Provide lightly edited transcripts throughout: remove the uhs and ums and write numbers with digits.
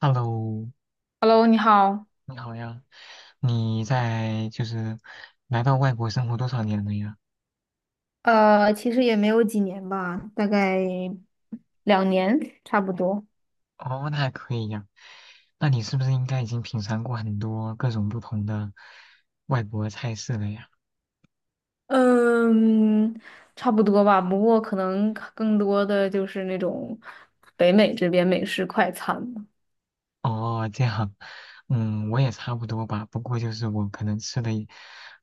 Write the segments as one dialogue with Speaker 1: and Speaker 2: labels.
Speaker 1: Hello，
Speaker 2: Hello，你好。
Speaker 1: 你好呀，你在来到外国生活多少年了呀？
Speaker 2: 其实也没有几年吧，大概2年差不多。
Speaker 1: 哦，那还可以呀。那你是不是应该已经品尝过很多各种不同的外国菜式了呀？
Speaker 2: 嗯，差不多吧，不过可能更多的就是那种北美这边美式快餐了。
Speaker 1: 哦，这样，嗯，我也差不多吧。不过就是我可能吃的也，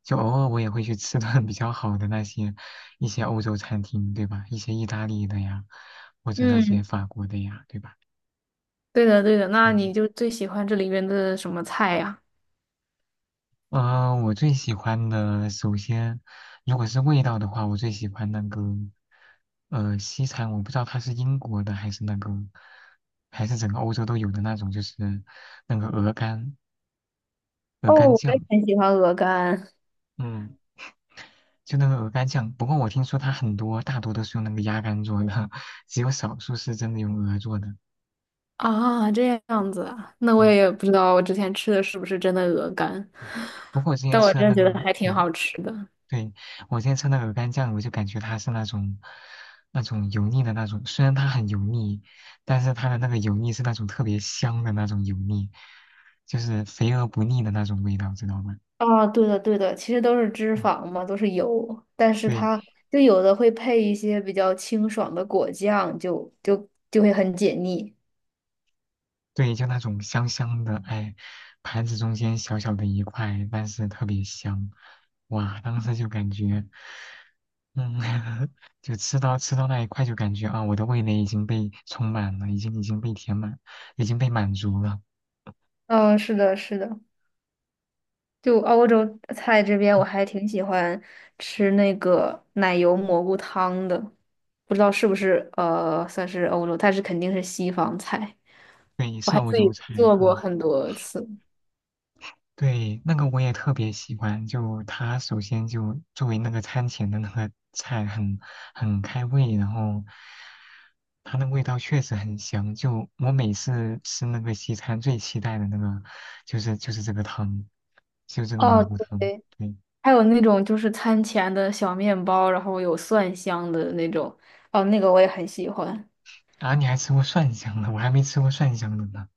Speaker 1: 就偶尔我也会去吃顿比较好的那些一些欧洲餐厅，对吧？一些意大利的呀，或者那
Speaker 2: 嗯，
Speaker 1: 些法国的呀，对吧？
Speaker 2: 对的，对的。那
Speaker 1: 嗯。
Speaker 2: 你就最喜欢这里边的什么菜呀？
Speaker 1: 嗯，我最喜欢的，首先，如果是味道的话，我最喜欢那个，西餐，我不知道它是英国的还是那个，还是整个欧洲都有的那种，就是那个鹅肝，鹅
Speaker 2: 哦，
Speaker 1: 肝
Speaker 2: 我也
Speaker 1: 酱，
Speaker 2: 很喜欢鹅肝。
Speaker 1: 嗯，就那个鹅肝酱。不过我听说它很多，大多都是用那个鸭肝做的，只有少数是真的用鹅做的，
Speaker 2: 啊，这样子啊，那我
Speaker 1: 嗯。
Speaker 2: 也不知道我之前吃的是不是真的鹅肝，
Speaker 1: 不过我之前
Speaker 2: 但我
Speaker 1: 吃的
Speaker 2: 真的
Speaker 1: 那
Speaker 2: 觉得
Speaker 1: 个，
Speaker 2: 还挺
Speaker 1: 对，
Speaker 2: 好吃的。
Speaker 1: 对，我今天吃那个鹅肝酱，我就感觉它是那种那种油腻的那种，虽然它很油腻，但是它的那个油腻是那种特别香的那种油腻，就是肥而不腻的那种味道，知道吗？
Speaker 2: 啊，对的，对的，其实都是脂
Speaker 1: 嗯，
Speaker 2: 肪嘛，都是油，但是
Speaker 1: 对
Speaker 2: 它就有的会配一些比较清爽的果酱，就会很解腻。
Speaker 1: 对，就那种香香的，哎，盘子中间小小的一块，但是特别香，哇，当时就感觉，嗯，就吃到那一块就感觉啊，我的味蕾已经被充满了，已经被填满，已经被满足了。
Speaker 2: 嗯，是的，是的，就欧洲菜这边我
Speaker 1: 嗯
Speaker 2: 还挺喜欢吃那个奶油蘑菇汤的，不知道是不是算是欧洲，但是肯定是西方菜，
Speaker 1: 对，
Speaker 2: 我还
Speaker 1: 欧
Speaker 2: 自
Speaker 1: 洲
Speaker 2: 己
Speaker 1: 菜，
Speaker 2: 做过
Speaker 1: 嗯，
Speaker 2: 很多次。
Speaker 1: 对，那个我也特别喜欢。就它首先就作为那个餐前的那个菜很，很开胃，然后它那味道确实很香。就我每次吃那个西餐，最期待的那个就是这个汤，就这个蘑
Speaker 2: 哦，
Speaker 1: 菇汤。
Speaker 2: 对。
Speaker 1: 对，
Speaker 2: 还有那种就是餐前的小面包，然后有蒜香的那种，哦，那个我也很喜欢。
Speaker 1: 啊，你还吃过蒜香的，我还没吃过蒜香的呢。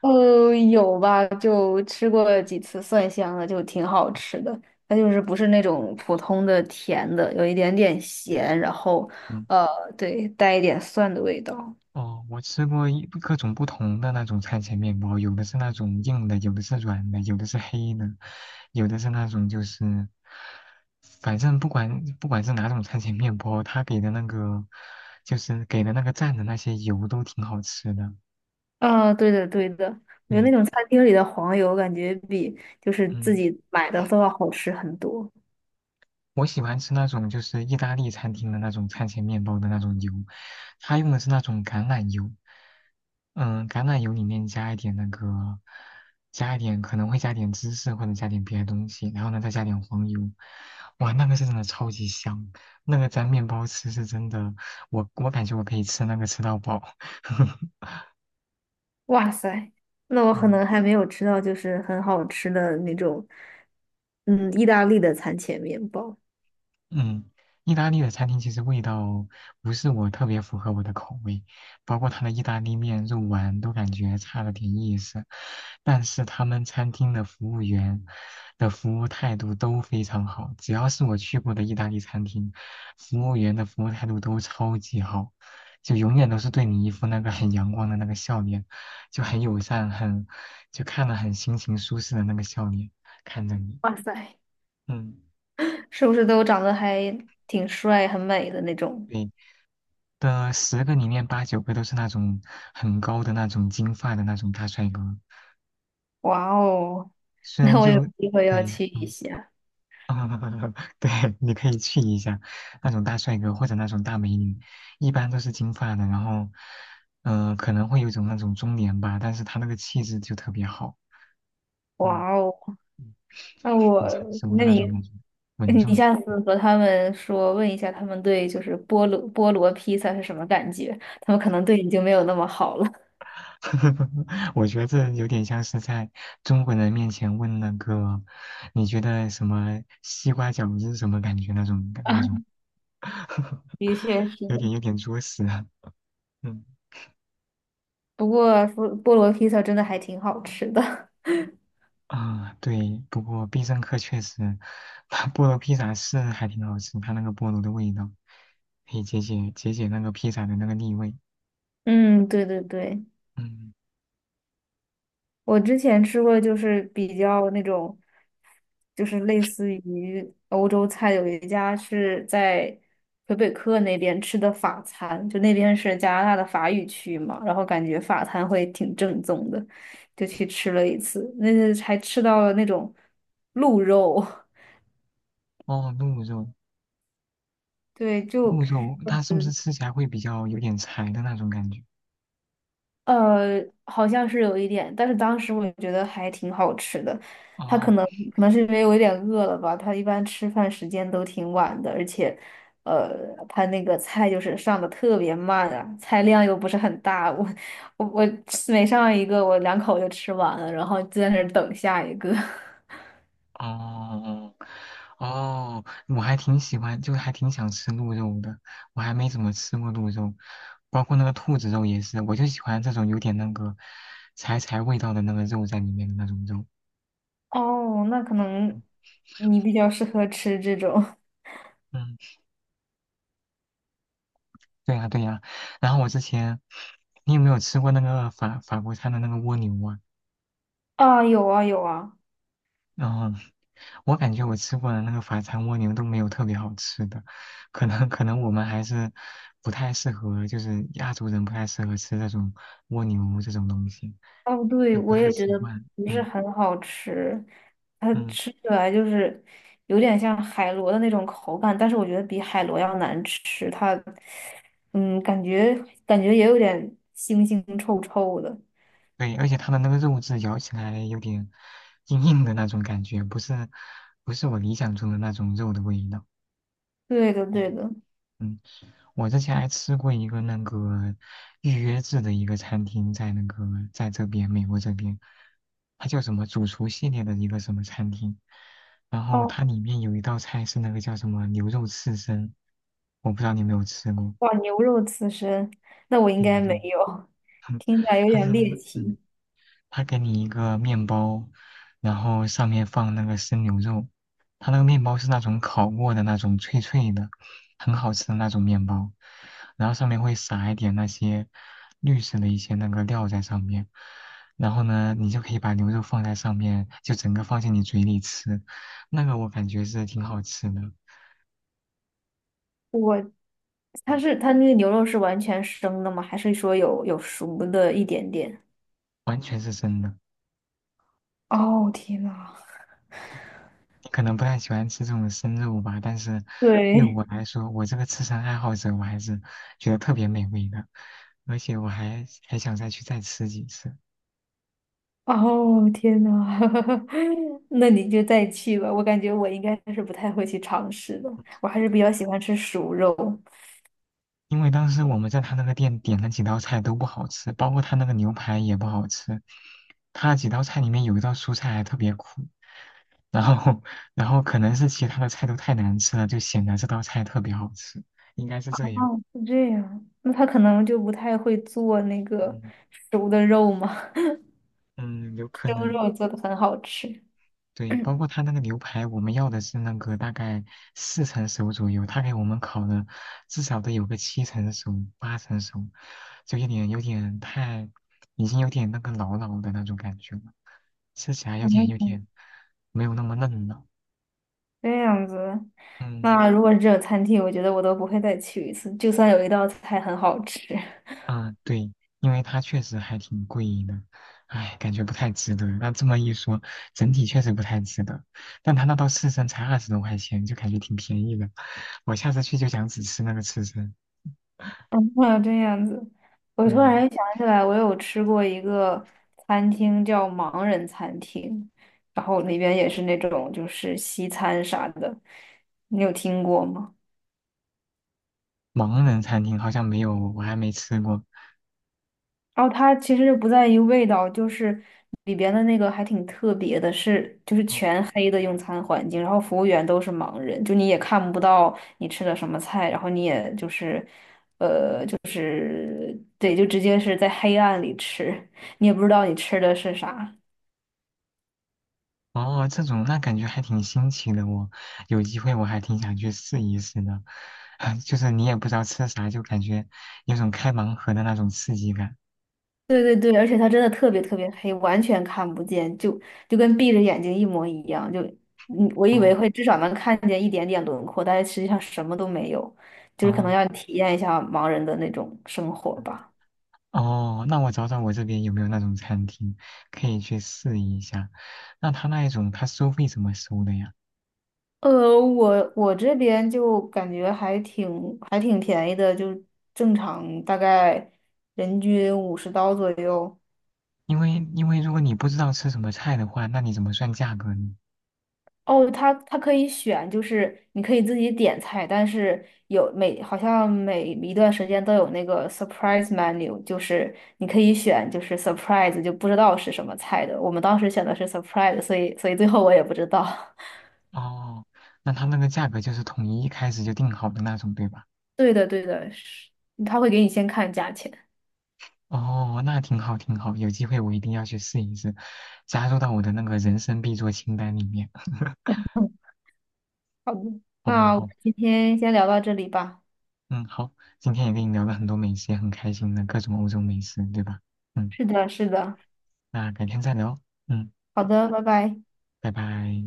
Speaker 2: 有吧，就吃过几次蒜香的，就挺好吃的。它就是不是那种普通的甜的，有一点点咸，然后
Speaker 1: 嗯
Speaker 2: 呃，对，带一点蒜的味道。
Speaker 1: 哦，我吃过一各种不同的那种餐前面包，有的是那种硬的，有的是软的，有的是黑的，有的是那种就是，反正不管是哪种餐前面包，它给的那个就是给的那个蘸的那些油都挺好吃的。
Speaker 2: 啊，对的，对的，我觉得那
Speaker 1: 对，
Speaker 2: 种餐厅里的黄油感觉比就是自
Speaker 1: 嗯，
Speaker 2: 己买的都要好吃很多。
Speaker 1: 我喜欢吃那种就是意大利餐厅的那种餐前面包的那种油，它用的是那种橄榄油，嗯，橄榄油里面加一点那个，加一点可能会加点芝士或者加点别的东西，然后呢再加点黄油，哇，那个是真的超级香，那个沾面包吃是真的，我感觉我可以吃那个吃到饱。
Speaker 2: 哇塞，那我可
Speaker 1: 嗯
Speaker 2: 能还没有吃到就是很好吃的那种，嗯，意大利的餐前面包。
Speaker 1: 嗯，意大利的餐厅其实味道不是我特别符合我的口味，包括它的意大利面、肉丸都感觉差了点意思。但是他们餐厅的服务员的服务态度都非常好，只要是我去过的意大利餐厅，服务员的服务态度都超级好，就永远都是对你一副那个很阳光的那个笑脸，就很友善，很，就看了很心情舒适的那个笑脸看着你。
Speaker 2: 哇塞
Speaker 1: 嗯，
Speaker 2: 是不是都长得还挺帅、很美的那种？
Speaker 1: 对，的十个里面八九个都是那种很高的那种金发的那种大帅哥，
Speaker 2: 哇哦，
Speaker 1: 虽
Speaker 2: 那
Speaker 1: 然
Speaker 2: 我有
Speaker 1: 就
Speaker 2: 机会要
Speaker 1: 对，
Speaker 2: 去一
Speaker 1: 嗯，
Speaker 2: 下。
Speaker 1: 对，你可以去一下那种大帅哥或者那种大美女，一般都是金发的，然后，可能会有一种那种中年吧，但是他那个气质就特别好，嗯，
Speaker 2: 哇哦，
Speaker 1: 嗯
Speaker 2: 那我，
Speaker 1: 很成熟的
Speaker 2: 那
Speaker 1: 那种
Speaker 2: 你，
Speaker 1: 感觉，稳
Speaker 2: 你
Speaker 1: 重
Speaker 2: 下次和他们说，问一下他们对就是菠萝披萨是什么感觉？他们可能对你就没有那么好了。
Speaker 1: 我觉得这有点像是在中国人面前问那个，你觉得什么西瓜饺子是什么感觉那种
Speaker 2: 啊，
Speaker 1: 那种，
Speaker 2: 的确是
Speaker 1: 有
Speaker 2: 的。
Speaker 1: 点有点作死啊。嗯
Speaker 2: 不过菠萝披萨真的还挺好吃的。
Speaker 1: 啊，对，不过必胜客确实，它菠萝披萨是还挺好吃，它那个菠萝的味道可以解那个披萨的那个腻味。
Speaker 2: 嗯，对对对，
Speaker 1: 嗯，
Speaker 2: 我之前吃过，就是比较那种，就是类似于欧洲菜，有一家是在魁北克那边吃的法餐，就那边是加拿大的法语区嘛，然后感觉法餐会挺正宗的，就去吃了一次，那次还吃到了那种鹿肉，
Speaker 1: 哦，鹿肉，
Speaker 2: 对，就
Speaker 1: 鹿肉它是不是吃起来会比较有点柴的那种感觉？
Speaker 2: 呃，好像是有一点，但是当时我觉得还挺好吃的。他可
Speaker 1: 哦，
Speaker 2: 能可能是因为我有点饿了吧，他一般吃饭时间都挺晚的，而且，呃，他那个菜就是上的特别慢啊，菜量又不是很大，我吃每上一个我两口就吃完了，然后就在那儿等下一个。
Speaker 1: 哦哦，我还挺喜欢，就还挺想吃鹿肉的。我还没怎么吃过鹿肉，包括那个兔子肉也是，我就喜欢这种有点那个柴柴味道的那个肉在里面的那种肉。
Speaker 2: 哦，那可能你比较适合吃这种
Speaker 1: 嗯，对呀对呀。然后我之前，你有没有吃过那个法国餐的那个蜗牛啊？
Speaker 2: 啊，有啊有啊。
Speaker 1: 然后。我感觉我吃过的那个法餐蜗牛都没有特别好吃的，可能我们还是不太适合，就是亚洲人不太适合吃这种蜗牛这种东西，
Speaker 2: 哦，对，
Speaker 1: 就不
Speaker 2: 我
Speaker 1: 太
Speaker 2: 也觉
Speaker 1: 习
Speaker 2: 得
Speaker 1: 惯。
Speaker 2: 不是
Speaker 1: 嗯
Speaker 2: 很好吃，它
Speaker 1: 嗯，
Speaker 2: 吃起来就是有点像海螺的那种口感，但是我觉得比海螺要难吃。它，嗯，感觉感觉也有点腥腥臭臭的。
Speaker 1: 对，而且它的那个肉质咬起来有点硬硬的那种感觉，不是我理想中的那种肉的味道。
Speaker 2: 对的，对的。
Speaker 1: 嗯。我之前还吃过一个那个预约制的一个餐厅，在那个在这边美国这边，它叫什么主厨系列的一个什么餐厅，然后
Speaker 2: 哦，
Speaker 1: 它里面有一道菜是那个叫什么牛肉刺身，我不知道你有没有吃过。
Speaker 2: 哇，牛肉刺身，那我应
Speaker 1: 对
Speaker 2: 该
Speaker 1: 对
Speaker 2: 没
Speaker 1: 对，
Speaker 2: 有，听起来有
Speaker 1: 它是
Speaker 2: 点猎
Speaker 1: 嗯
Speaker 2: 奇。
Speaker 1: 他给你一个面包，然后上面放那个生牛肉，他那个面包是那种烤过的那种脆脆的，很好吃的那种面包，然后上面会撒一点那些绿色的一些那个料在上面，然后呢，你就可以把牛肉放在上面，就整个放进你嘴里吃，那个我感觉是挺好吃的，
Speaker 2: 我，它是
Speaker 1: 嗯
Speaker 2: 它那个牛肉是完全生的吗？还是说有熟的一点点？
Speaker 1: 完全是真的。
Speaker 2: 哦，天呐，
Speaker 1: 可能不太喜欢吃这种生肉吧，但是对
Speaker 2: 对，
Speaker 1: 我来说，我这个吃神爱好者，我还是觉得特别美味的，而且我还想再去再吃几次，
Speaker 2: 哦，天呐，那你就再去吧。我感觉我应该是不太会去尝试的，我还是比较喜欢吃熟肉。
Speaker 1: 因为当时我们在他那个店点了几道菜都不好吃，包括他那个牛排也不好吃，他几道菜里面有一道蔬菜还特别苦，然后 然后可能是其他的菜都太难吃了，就显得这道菜特别好吃，应该是这样，
Speaker 2: 是这样，那他可能就不太会做那个
Speaker 1: 嗯
Speaker 2: 熟的肉嘛，
Speaker 1: 嗯，有 可
Speaker 2: 生
Speaker 1: 能。
Speaker 2: 肉做的很好吃。
Speaker 1: 对，
Speaker 2: 嗯
Speaker 1: 包括他那个牛排，我们要的是那个大概四成熟左右，他给我们烤的至少得有个七成熟、八成熟，就有点太，已经有点那个老老的那种感觉了，吃起来有点没有那么嫩了。
Speaker 2: 这样子，
Speaker 1: 嗯
Speaker 2: 那如果是这种餐厅，我觉得我都不会再去一次，就算有一道菜很好吃。
Speaker 1: 啊，对，因为它确实还挺贵的，哎，感觉不太值得。那这么一说，整体确实不太值得，但他那道刺身才二十多块钱，就感觉挺便宜的。我下次去就想只吃那个刺身。
Speaker 2: 嗯，啊这样子，我突然
Speaker 1: 嗯，
Speaker 2: 想起来，我有吃过一个餐厅叫盲人餐厅，然后里边也是那种就是西餐啥的，你有听过吗？
Speaker 1: 盲人餐厅好像没有，我还没吃过。
Speaker 2: 然后它其实不在于味道，就是里边的那个还挺特别的是，就是
Speaker 1: 哦，
Speaker 2: 全黑的用餐环境，然后服务员都是盲人，就你也看不到你吃的什么菜，然后你也就是对，就直接是在黑暗里吃，你也不知道你吃的是啥。
Speaker 1: 哦这种那感觉还挺新奇的哦。有机会我还挺想去试一试的。就是你也不知道吃啥，就感觉有种开盲盒的那种刺激感。
Speaker 2: 对对对，而且它真的特别特别黑，完全看不见，就跟闭着眼睛一模一样。就我以为会
Speaker 1: 哦
Speaker 2: 至少能看见一点点轮廓，但是实际上什么都没有，就是可能
Speaker 1: 哦
Speaker 2: 要体验一下盲人的那种生活吧。
Speaker 1: 哦，那我找找我这边有没有那种餐厅可以去试一下。那他那一种他收费怎么收的呀？
Speaker 2: 我这边就感觉还挺便宜的，就正常大概人均50刀左右。
Speaker 1: 因为如果你不知道吃什么菜的话，那你怎么算价格呢？
Speaker 2: 哦，它可以选，就是你可以自己点菜，但是有每好像每一段时间都有那个 surprise menu,就是你可以选，就是 surprise 就不知道是什么菜的。我们当时选的是 surprise,所以最后我也不知道。
Speaker 1: 哦，那它那个价格就是统一一开始就定好的那种，对吧？
Speaker 2: 对的，对的，是，他会给你先看价钱。
Speaker 1: 哦，那挺好，挺好，有机会我一定要去试一试，加入到我的那个人生必做清单里面。
Speaker 2: 嗯，好的，
Speaker 1: 好好
Speaker 2: 那我们
Speaker 1: 好，
Speaker 2: 今天先聊到这里吧。
Speaker 1: 嗯，好，今天也跟你聊了很多美食，也很开心的各种欧洲美食，对吧？嗯，
Speaker 2: 是的，是的，
Speaker 1: 那改天再聊哦，嗯，
Speaker 2: 好的，拜拜。
Speaker 1: 拜拜。